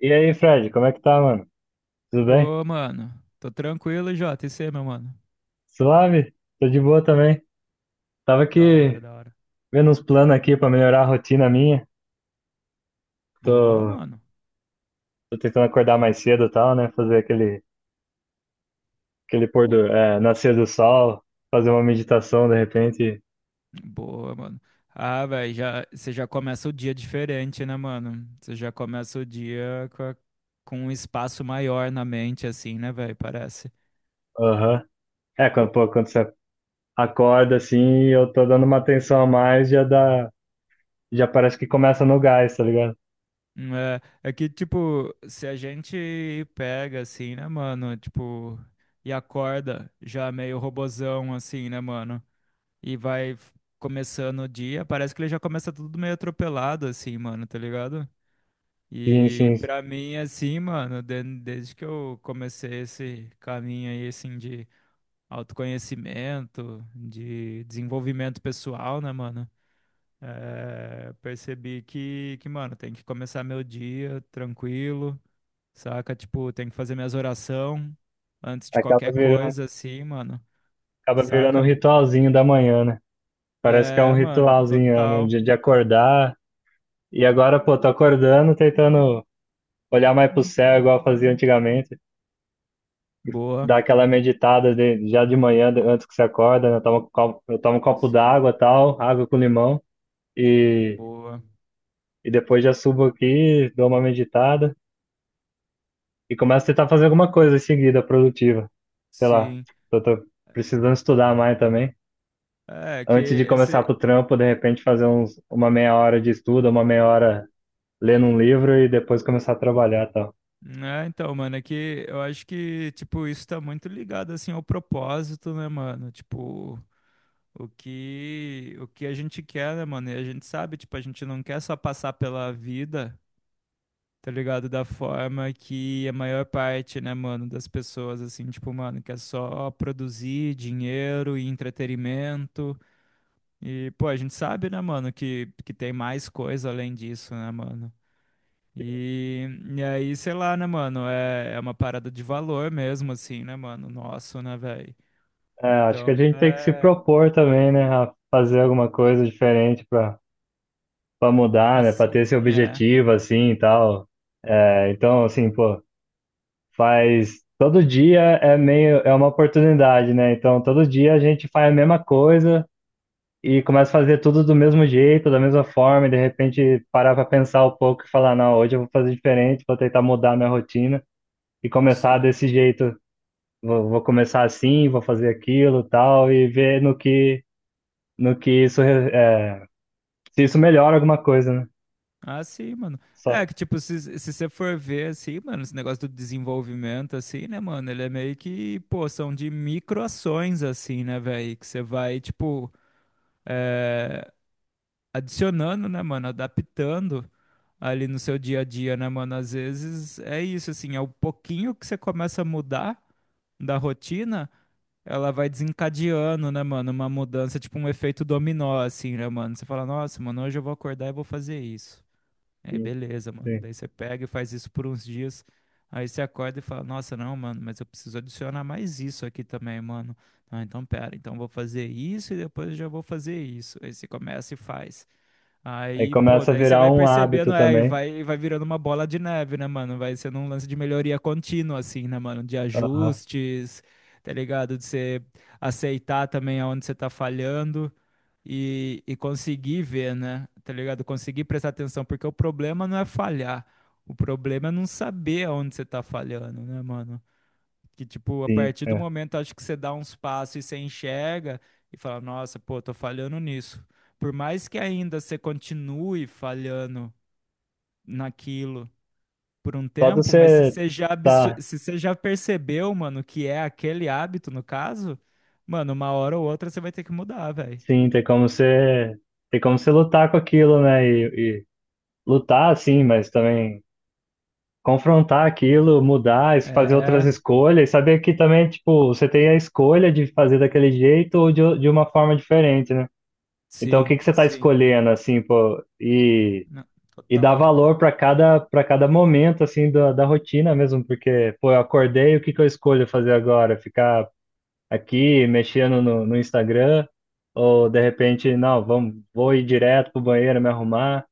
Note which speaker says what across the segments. Speaker 1: E aí, Fred, como é que tá, mano? Tudo bem?
Speaker 2: Ô, mano. Tô tranquilo, Jota. E você, meu mano?
Speaker 1: Suave? Tô de boa também. Tava
Speaker 2: Da hora,
Speaker 1: aqui
Speaker 2: da hora.
Speaker 1: vendo uns planos aqui pra melhorar a rotina minha.
Speaker 2: Boa,
Speaker 1: Tô,
Speaker 2: mano.
Speaker 1: tô tentando acordar mais cedo e tal, né? Fazer aquele nascer do sol, fazer uma meditação de repente.
Speaker 2: Boa, mano. Ah, velho, já, você já começa o dia diferente, né, mano? Você já começa o dia com um espaço maior na mente, assim, né, velho? Parece.
Speaker 1: Aham. É, quando você acorda assim, eu tô dando uma atenção a mais, já parece que começa no gás, tá ligado?
Speaker 2: É que, tipo, se a gente pega, assim, né, mano? Tipo, e acorda já meio robozão, assim, né, mano? E vai começando o dia, parece que ele já começa tudo meio atropelado, assim, mano, tá ligado?
Speaker 1: Sim,
Speaker 2: E
Speaker 1: sim.
Speaker 2: pra mim, assim, mano, desde que eu comecei esse caminho aí, assim, de autoconhecimento, de desenvolvimento pessoal, né, mano? É, percebi que, mano, tem que começar meu dia tranquilo, saca? Tipo, tem que fazer minhas orações antes de
Speaker 1: Acaba
Speaker 2: qualquer
Speaker 1: virando,
Speaker 2: coisa, assim, mano,
Speaker 1: acaba virando um
Speaker 2: saca?
Speaker 1: ritualzinho da manhã, né? Parece que é um
Speaker 2: É, mano,
Speaker 1: ritualzinho, né?
Speaker 2: total.
Speaker 1: De acordar. E agora, pô, tô acordando, tentando olhar mais pro céu, igual eu fazia antigamente.
Speaker 2: Boa.
Speaker 1: Dar aquela meditada já de manhã, antes que você acorda, né? Eu tomo um copo
Speaker 2: Sim.
Speaker 1: d'água, tal, água com limão. E,
Speaker 2: Boa.
Speaker 1: e depois já subo aqui, dou uma meditada e começo a tentar fazer alguma coisa em seguida, produtiva. Sei lá,
Speaker 2: Sim.
Speaker 1: eu tô precisando estudar mais também.
Speaker 2: É, que
Speaker 1: Antes de começar pro
Speaker 2: esse.
Speaker 1: trampo, de repente fazer uma meia hora de estudo, uma meia hora lendo um livro e depois começar a trabalhar, tal.
Speaker 2: É, então, mano, é que eu acho que, tipo, isso tá muito ligado, assim, ao propósito, né, mano? Tipo, o que a gente quer, né, mano? E a gente sabe, tipo, a gente não quer só passar pela vida, tá ligado? Da forma que a maior parte, né, mano, das pessoas, assim, tipo, mano, quer só produzir dinheiro e entretenimento. E, pô, a gente sabe, né, mano, que tem mais coisa além disso, né, mano? E, e aí, sei lá, né, mano? É, é uma parada de valor mesmo, assim, né, mano? Nosso, né, velho?
Speaker 1: É, acho que a
Speaker 2: Então,
Speaker 1: gente tem que se
Speaker 2: é.
Speaker 1: propor também, né, a fazer alguma coisa diferente para mudar, né, para ter
Speaker 2: Assim,
Speaker 1: esse
Speaker 2: é.
Speaker 1: objetivo assim e tal. É, então, assim, pô, faz todo dia é meio é uma oportunidade, né? Então, todo dia a gente faz a mesma coisa e começa a fazer tudo do mesmo jeito, da mesma forma, e de repente parar para pensar um pouco e falar, não, hoje eu vou fazer diferente, vou tentar mudar minha rotina e começar
Speaker 2: Sim.
Speaker 1: desse jeito. Vou começar assim, vou fazer aquilo, tal, e ver no que é, se isso melhora alguma coisa, né?
Speaker 2: Ah, sim, mano. É
Speaker 1: Só,
Speaker 2: que, tipo, se você for ver, assim, mano, esse negócio do desenvolvimento, assim, né, mano? Ele é meio que, pô, são de microações, assim, né, velho? Que você vai, tipo. é, adicionando, né, mano, adaptando ali no seu dia a dia, né, mano? Às vezes é isso, assim, é o pouquinho que você começa a mudar da rotina, ela vai desencadeando, né, mano, uma mudança, tipo um efeito dominó, assim, né, mano? Você fala, nossa, mano, hoje eu vou acordar e vou fazer isso. Aí,
Speaker 1: sim,
Speaker 2: beleza, mano.
Speaker 1: sim.
Speaker 2: Daí você pega e faz isso por uns dias. Aí você acorda e fala, nossa, não, mano, mas eu preciso adicionar mais isso aqui também, mano. Ah, então pera, então eu vou fazer isso e depois eu já vou fazer isso. Aí você começa e faz.
Speaker 1: Aí
Speaker 2: Aí, pô,
Speaker 1: começa a
Speaker 2: daí você
Speaker 1: virar
Speaker 2: vai
Speaker 1: um hábito
Speaker 2: percebendo, é,
Speaker 1: também.
Speaker 2: e vai virando uma bola de neve, né, mano? Vai sendo um lance de melhoria contínua, assim, né, mano? De
Speaker 1: Aham,
Speaker 2: ajustes, tá ligado? De você aceitar também aonde você tá falhando e conseguir ver, né? Tá ligado? Conseguir prestar atenção, porque o problema não é falhar. O problema é não saber aonde você tá falhando, né, mano? Que, tipo, a
Speaker 1: sim,
Speaker 2: partir do
Speaker 1: é.
Speaker 2: momento, acho que você dá uns passos e você enxerga e fala, nossa, pô, tô falhando nisso. Por mais que ainda você continue falhando naquilo por um
Speaker 1: Só de
Speaker 2: tempo, mas se
Speaker 1: você
Speaker 2: você já,
Speaker 1: tá,
Speaker 2: se você já percebeu, mano, que é aquele hábito, no caso, mano, uma hora ou outra você vai ter que mudar, velho.
Speaker 1: sim, tem como você lutar com aquilo, né? E lutar, sim, mas também confrontar aquilo, mudar, fazer outras
Speaker 2: É,
Speaker 1: escolhas, saber que também, tipo, você tem a escolha de fazer daquele jeito ou de uma forma diferente, né? Então, o
Speaker 2: sim,
Speaker 1: que que você tá
Speaker 2: sim.
Speaker 1: escolhendo, assim, pô? E
Speaker 2: Não,
Speaker 1: E dar
Speaker 2: total.
Speaker 1: valor para cada momento, assim, da rotina mesmo, porque, pô, eu acordei, o que que eu escolho fazer agora? Ficar aqui mexendo no Instagram? Ou, de repente, não, vamos, vou ir direto pro banheiro, me arrumar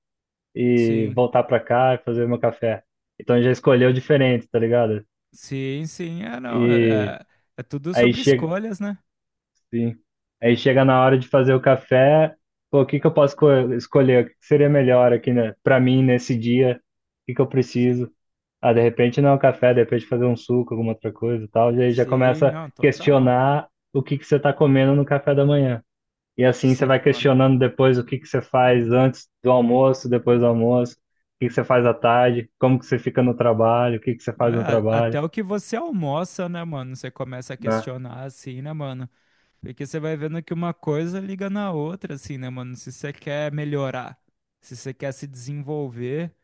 Speaker 1: e
Speaker 2: Sim,
Speaker 1: voltar para cá e fazer meu café. Então já escolheu diferente, tá ligado?
Speaker 2: sim, sim. É, não,
Speaker 1: E
Speaker 2: é tudo
Speaker 1: aí
Speaker 2: sobre
Speaker 1: chega,
Speaker 2: escolhas, né?
Speaker 1: sim. Aí chega na hora de fazer o café, pô, o que que eu posso escolher? O que que seria melhor aqui, né, para mim nesse dia? O que que eu
Speaker 2: Sim.
Speaker 1: preciso? Ah, de repente não é um café, de repente fazer um suco, alguma outra coisa e tal, e aí já
Speaker 2: Sim,
Speaker 1: começa a
Speaker 2: não, total.
Speaker 1: questionar o que que você está comendo no café da manhã. E assim você vai
Speaker 2: Sim, mano.
Speaker 1: questionando depois o que que você faz antes do almoço, depois do almoço, o que que você faz à tarde, como que você fica no trabalho, o que que você
Speaker 2: É,
Speaker 1: faz no
Speaker 2: a-
Speaker 1: trabalho,
Speaker 2: até o que você almoça, né, mano? Você começa a
Speaker 1: né?
Speaker 2: questionar assim, né, mano? Porque você vai vendo que uma coisa liga na outra, assim, né, mano? Se você quer melhorar, se você quer se desenvolver,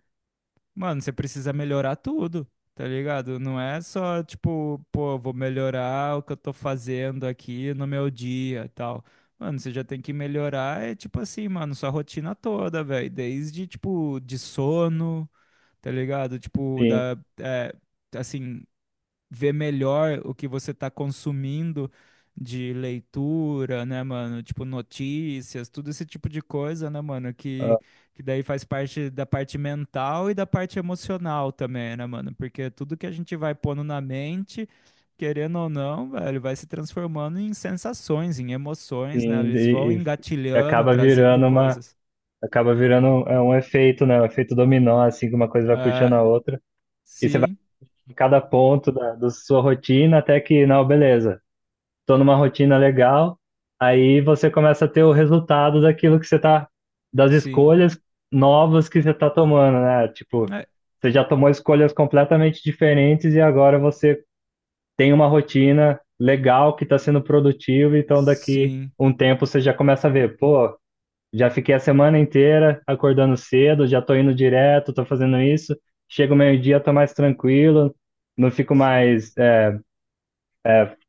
Speaker 2: mano, você precisa melhorar tudo, tá ligado? Não é só, tipo, pô, vou melhorar o que eu tô fazendo aqui no meu dia e tal. Mano, você já tem que melhorar, é tipo assim, mano, sua rotina toda, velho. Desde, tipo, de sono. Tá ligado? Tipo,
Speaker 1: Sim,
Speaker 2: da, é, assim, ver melhor o que você tá consumindo de leitura, né, mano? Tipo, notícias, tudo esse tipo de coisa, né, mano?
Speaker 1: ah,
Speaker 2: Que daí faz parte da parte mental e da parte emocional também, né, mano? Porque tudo que a gente vai pondo na mente. Querendo ou não, velho, vai se transformando em sensações, em emoções, né?
Speaker 1: sim,
Speaker 2: Eles vão
Speaker 1: e
Speaker 2: engatilhando,
Speaker 1: acaba
Speaker 2: trazendo
Speaker 1: virando uma,
Speaker 2: coisas.
Speaker 1: acaba virando um- é um efeito, né? Um efeito dominó, assim, que uma coisa vai puxando
Speaker 2: É,
Speaker 1: a outra, e você vai
Speaker 2: sim,
Speaker 1: em cada ponto da sua rotina até que, não, beleza. Tô numa rotina legal. Aí você começa a ter o resultado daquilo que você tá, das
Speaker 2: sim.
Speaker 1: escolhas novas que você tá tomando, né? Tipo,
Speaker 2: É,
Speaker 1: você já tomou escolhas completamente diferentes e agora você tem uma rotina legal que está sendo produtiva, então daqui
Speaker 2: sim.
Speaker 1: um tempo você já começa a ver, pô, já fiquei a semana inteira acordando cedo, já tô indo direto, tô fazendo isso, chega o meio-dia, tô mais tranquilo, não fico
Speaker 2: Sim.
Speaker 1: mais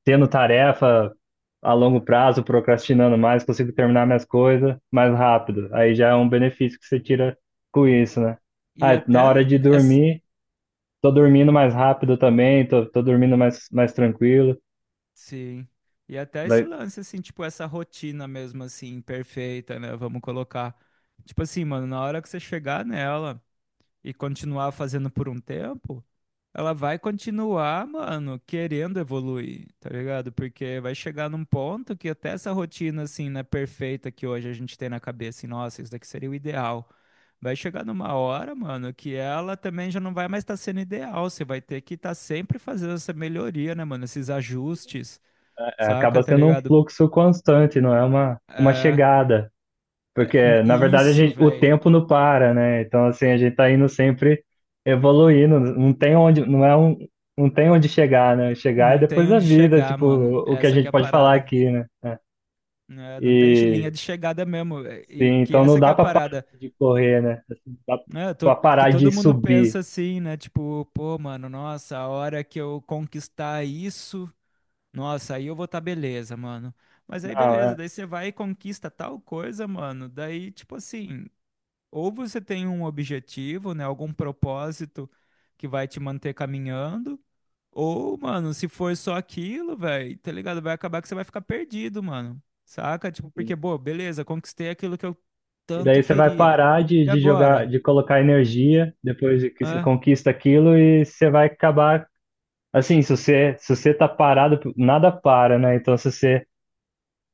Speaker 1: tendo tarefa a longo prazo, procrastinando mais, consigo terminar minhas coisas mais rápido. Aí já é um benefício que você tira com isso, né? Ah,
Speaker 2: E
Speaker 1: na hora
Speaker 2: até
Speaker 1: de
Speaker 2: essa,
Speaker 1: dormir, tô dormindo mais rápido também, tô dormindo mais tranquilo.
Speaker 2: sim. E até esse
Speaker 1: Vai,
Speaker 2: lance assim, tipo essa rotina mesmo assim, perfeita, né? Vamos colocar. Tipo assim, mano, na hora que você chegar nela, e continuar fazendo por um tempo, ela vai continuar, mano, querendo evoluir, tá ligado? Porque vai chegar num ponto que até essa rotina, assim, né, perfeita que hoje a gente tem na cabeça, assim, nossa, isso daqui seria o ideal. Vai chegar numa hora, mano, que ela também já não vai mais estar sendo ideal. Você vai ter que estar sempre fazendo essa melhoria, né, mano? Esses ajustes,
Speaker 1: é,
Speaker 2: saca?
Speaker 1: acaba
Speaker 2: Tá
Speaker 1: sendo um
Speaker 2: ligado?
Speaker 1: fluxo constante, não é uma
Speaker 2: É,
Speaker 1: chegada.
Speaker 2: é,
Speaker 1: Porque, na verdade, a
Speaker 2: isso,
Speaker 1: gente, o
Speaker 2: velho.
Speaker 1: tempo não para, né? Então, assim, a gente tá indo sempre evoluindo, não tem onde chegar, né? Chegar é
Speaker 2: Não tem
Speaker 1: depois da
Speaker 2: onde
Speaker 1: vida,
Speaker 2: chegar,
Speaker 1: tipo,
Speaker 2: mano.
Speaker 1: o que a
Speaker 2: Essa que
Speaker 1: gente
Speaker 2: é a
Speaker 1: pode falar
Speaker 2: parada.
Speaker 1: aqui, né?
Speaker 2: Né, não tem linha
Speaker 1: E,
Speaker 2: de chegada mesmo. E
Speaker 1: sim,
Speaker 2: que
Speaker 1: então não
Speaker 2: essa que é
Speaker 1: dá
Speaker 2: a
Speaker 1: pra parar
Speaker 2: parada,
Speaker 1: de correr, né? Assim, não dá
Speaker 2: né?
Speaker 1: pra
Speaker 2: Que
Speaker 1: parar de
Speaker 2: todo mundo
Speaker 1: subir.
Speaker 2: pensa assim, né? Tipo, pô, mano, nossa, a hora que eu conquistar isso, nossa, aí eu vou tá beleza, mano. Mas aí
Speaker 1: Não,
Speaker 2: beleza,
Speaker 1: é.
Speaker 2: daí você vai e conquista tal coisa, mano. Daí, tipo assim, ou você tem um objetivo, né? Algum propósito que vai te manter caminhando, ou, mano, se for só aquilo, velho, tá ligado? Vai acabar que você vai ficar perdido, mano. Saca? Tipo,
Speaker 1: Sim.
Speaker 2: porque, pô, beleza, conquistei aquilo que eu
Speaker 1: E
Speaker 2: tanto
Speaker 1: daí você vai
Speaker 2: queria.
Speaker 1: parar de,
Speaker 2: E
Speaker 1: de jogar,
Speaker 2: agora?
Speaker 1: de colocar energia depois que você
Speaker 2: Hã?
Speaker 1: conquista aquilo e você vai acabar, assim, se você tá parado, nada para, né? Então, se você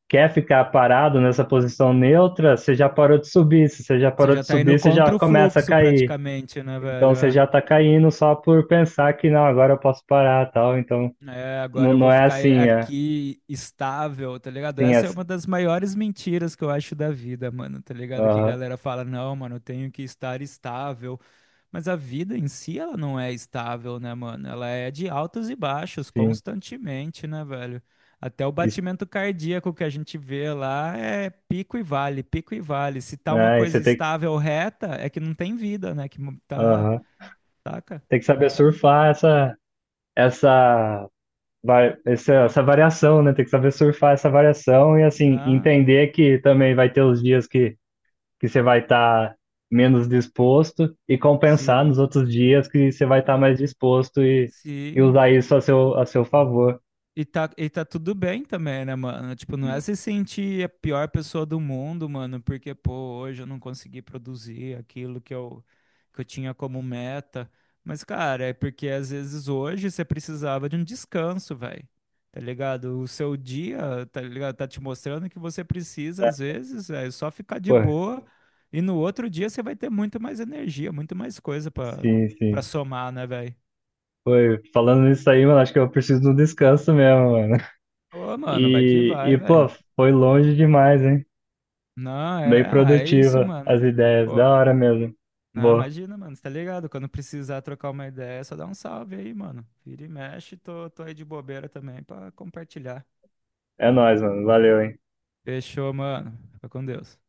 Speaker 1: quer ficar parado nessa posição neutra, você já parou de subir. Se você já
Speaker 2: Você
Speaker 1: parou
Speaker 2: já
Speaker 1: de
Speaker 2: tá indo
Speaker 1: subir, você já
Speaker 2: contra o
Speaker 1: começa a
Speaker 2: fluxo
Speaker 1: cair.
Speaker 2: praticamente, né, velho?
Speaker 1: Então você
Speaker 2: É.
Speaker 1: já está caindo só por pensar que não, agora eu posso parar, tal. Então
Speaker 2: É,
Speaker 1: não,
Speaker 2: agora eu
Speaker 1: não
Speaker 2: vou
Speaker 1: é
Speaker 2: ficar
Speaker 1: assim, é.
Speaker 2: aqui estável, tá ligado?
Speaker 1: Sim, é.
Speaker 2: Essa é uma das maiores mentiras que eu acho da vida, mano, tá ligado? Que
Speaker 1: Aham,
Speaker 2: galera fala, não, mano, eu tenho que estar estável. Mas a vida em si, ela não é estável, né, mano? Ela é de altos e baixos,
Speaker 1: sim.
Speaker 2: constantemente, né, velho? Até o
Speaker 1: Isso,
Speaker 2: batimento cardíaco que a gente vê lá é pico e vale, pico e vale. Se tá uma
Speaker 1: né? E você
Speaker 2: coisa
Speaker 1: tem,
Speaker 2: estável, reta, é que não tem vida, né? Que tá,
Speaker 1: aham.
Speaker 2: taca.
Speaker 1: Tem que saber surfar essa essa vai- essa essa variação, né? Tem que saber surfar essa variação e assim
Speaker 2: Ah,
Speaker 1: entender que também vai ter os dias que você vai estar menos disposto e compensar nos
Speaker 2: sim,
Speaker 1: outros dias que você vai estar mais disposto e
Speaker 2: sim.
Speaker 1: usar isso a seu favor,
Speaker 2: E tá tudo bem também, né, mano? Tipo, não é se sentir a pior pessoa do mundo, mano, porque, pô, hoje eu não consegui produzir aquilo que eu tinha como meta. Mas, cara, é porque às vezes hoje você precisava de um descanso, velho. Tá ligado? O seu dia, tá ligado? Tá te mostrando que você precisa,
Speaker 1: né?
Speaker 2: às vezes, é só ficar de
Speaker 1: Pô,
Speaker 2: boa. E no outro dia você vai ter muito mais energia, muito mais coisa pra,
Speaker 1: sim,
Speaker 2: pra
Speaker 1: sim.
Speaker 2: somar, né, velho?
Speaker 1: Falando nisso aí, mano, acho que eu preciso de um descanso mesmo, mano.
Speaker 2: Ô, mano, vai que
Speaker 1: E,
Speaker 2: vai,
Speaker 1: e, pô,
Speaker 2: velho.
Speaker 1: foi longe demais, hein?
Speaker 2: Não,
Speaker 1: Bem
Speaker 2: é, ah, é isso,
Speaker 1: produtiva
Speaker 2: mano.
Speaker 1: as ideias, da
Speaker 2: Pô,
Speaker 1: hora mesmo.
Speaker 2: não,
Speaker 1: Boa.
Speaker 2: imagina, mano, você tá ligado? Quando precisar trocar uma ideia, é só dá um salve aí, mano. Vira e mexe, tô aí de bobeira também pra compartilhar.
Speaker 1: É nóis, mano. Valeu, hein?
Speaker 2: Fechou, mano. Fica com Deus.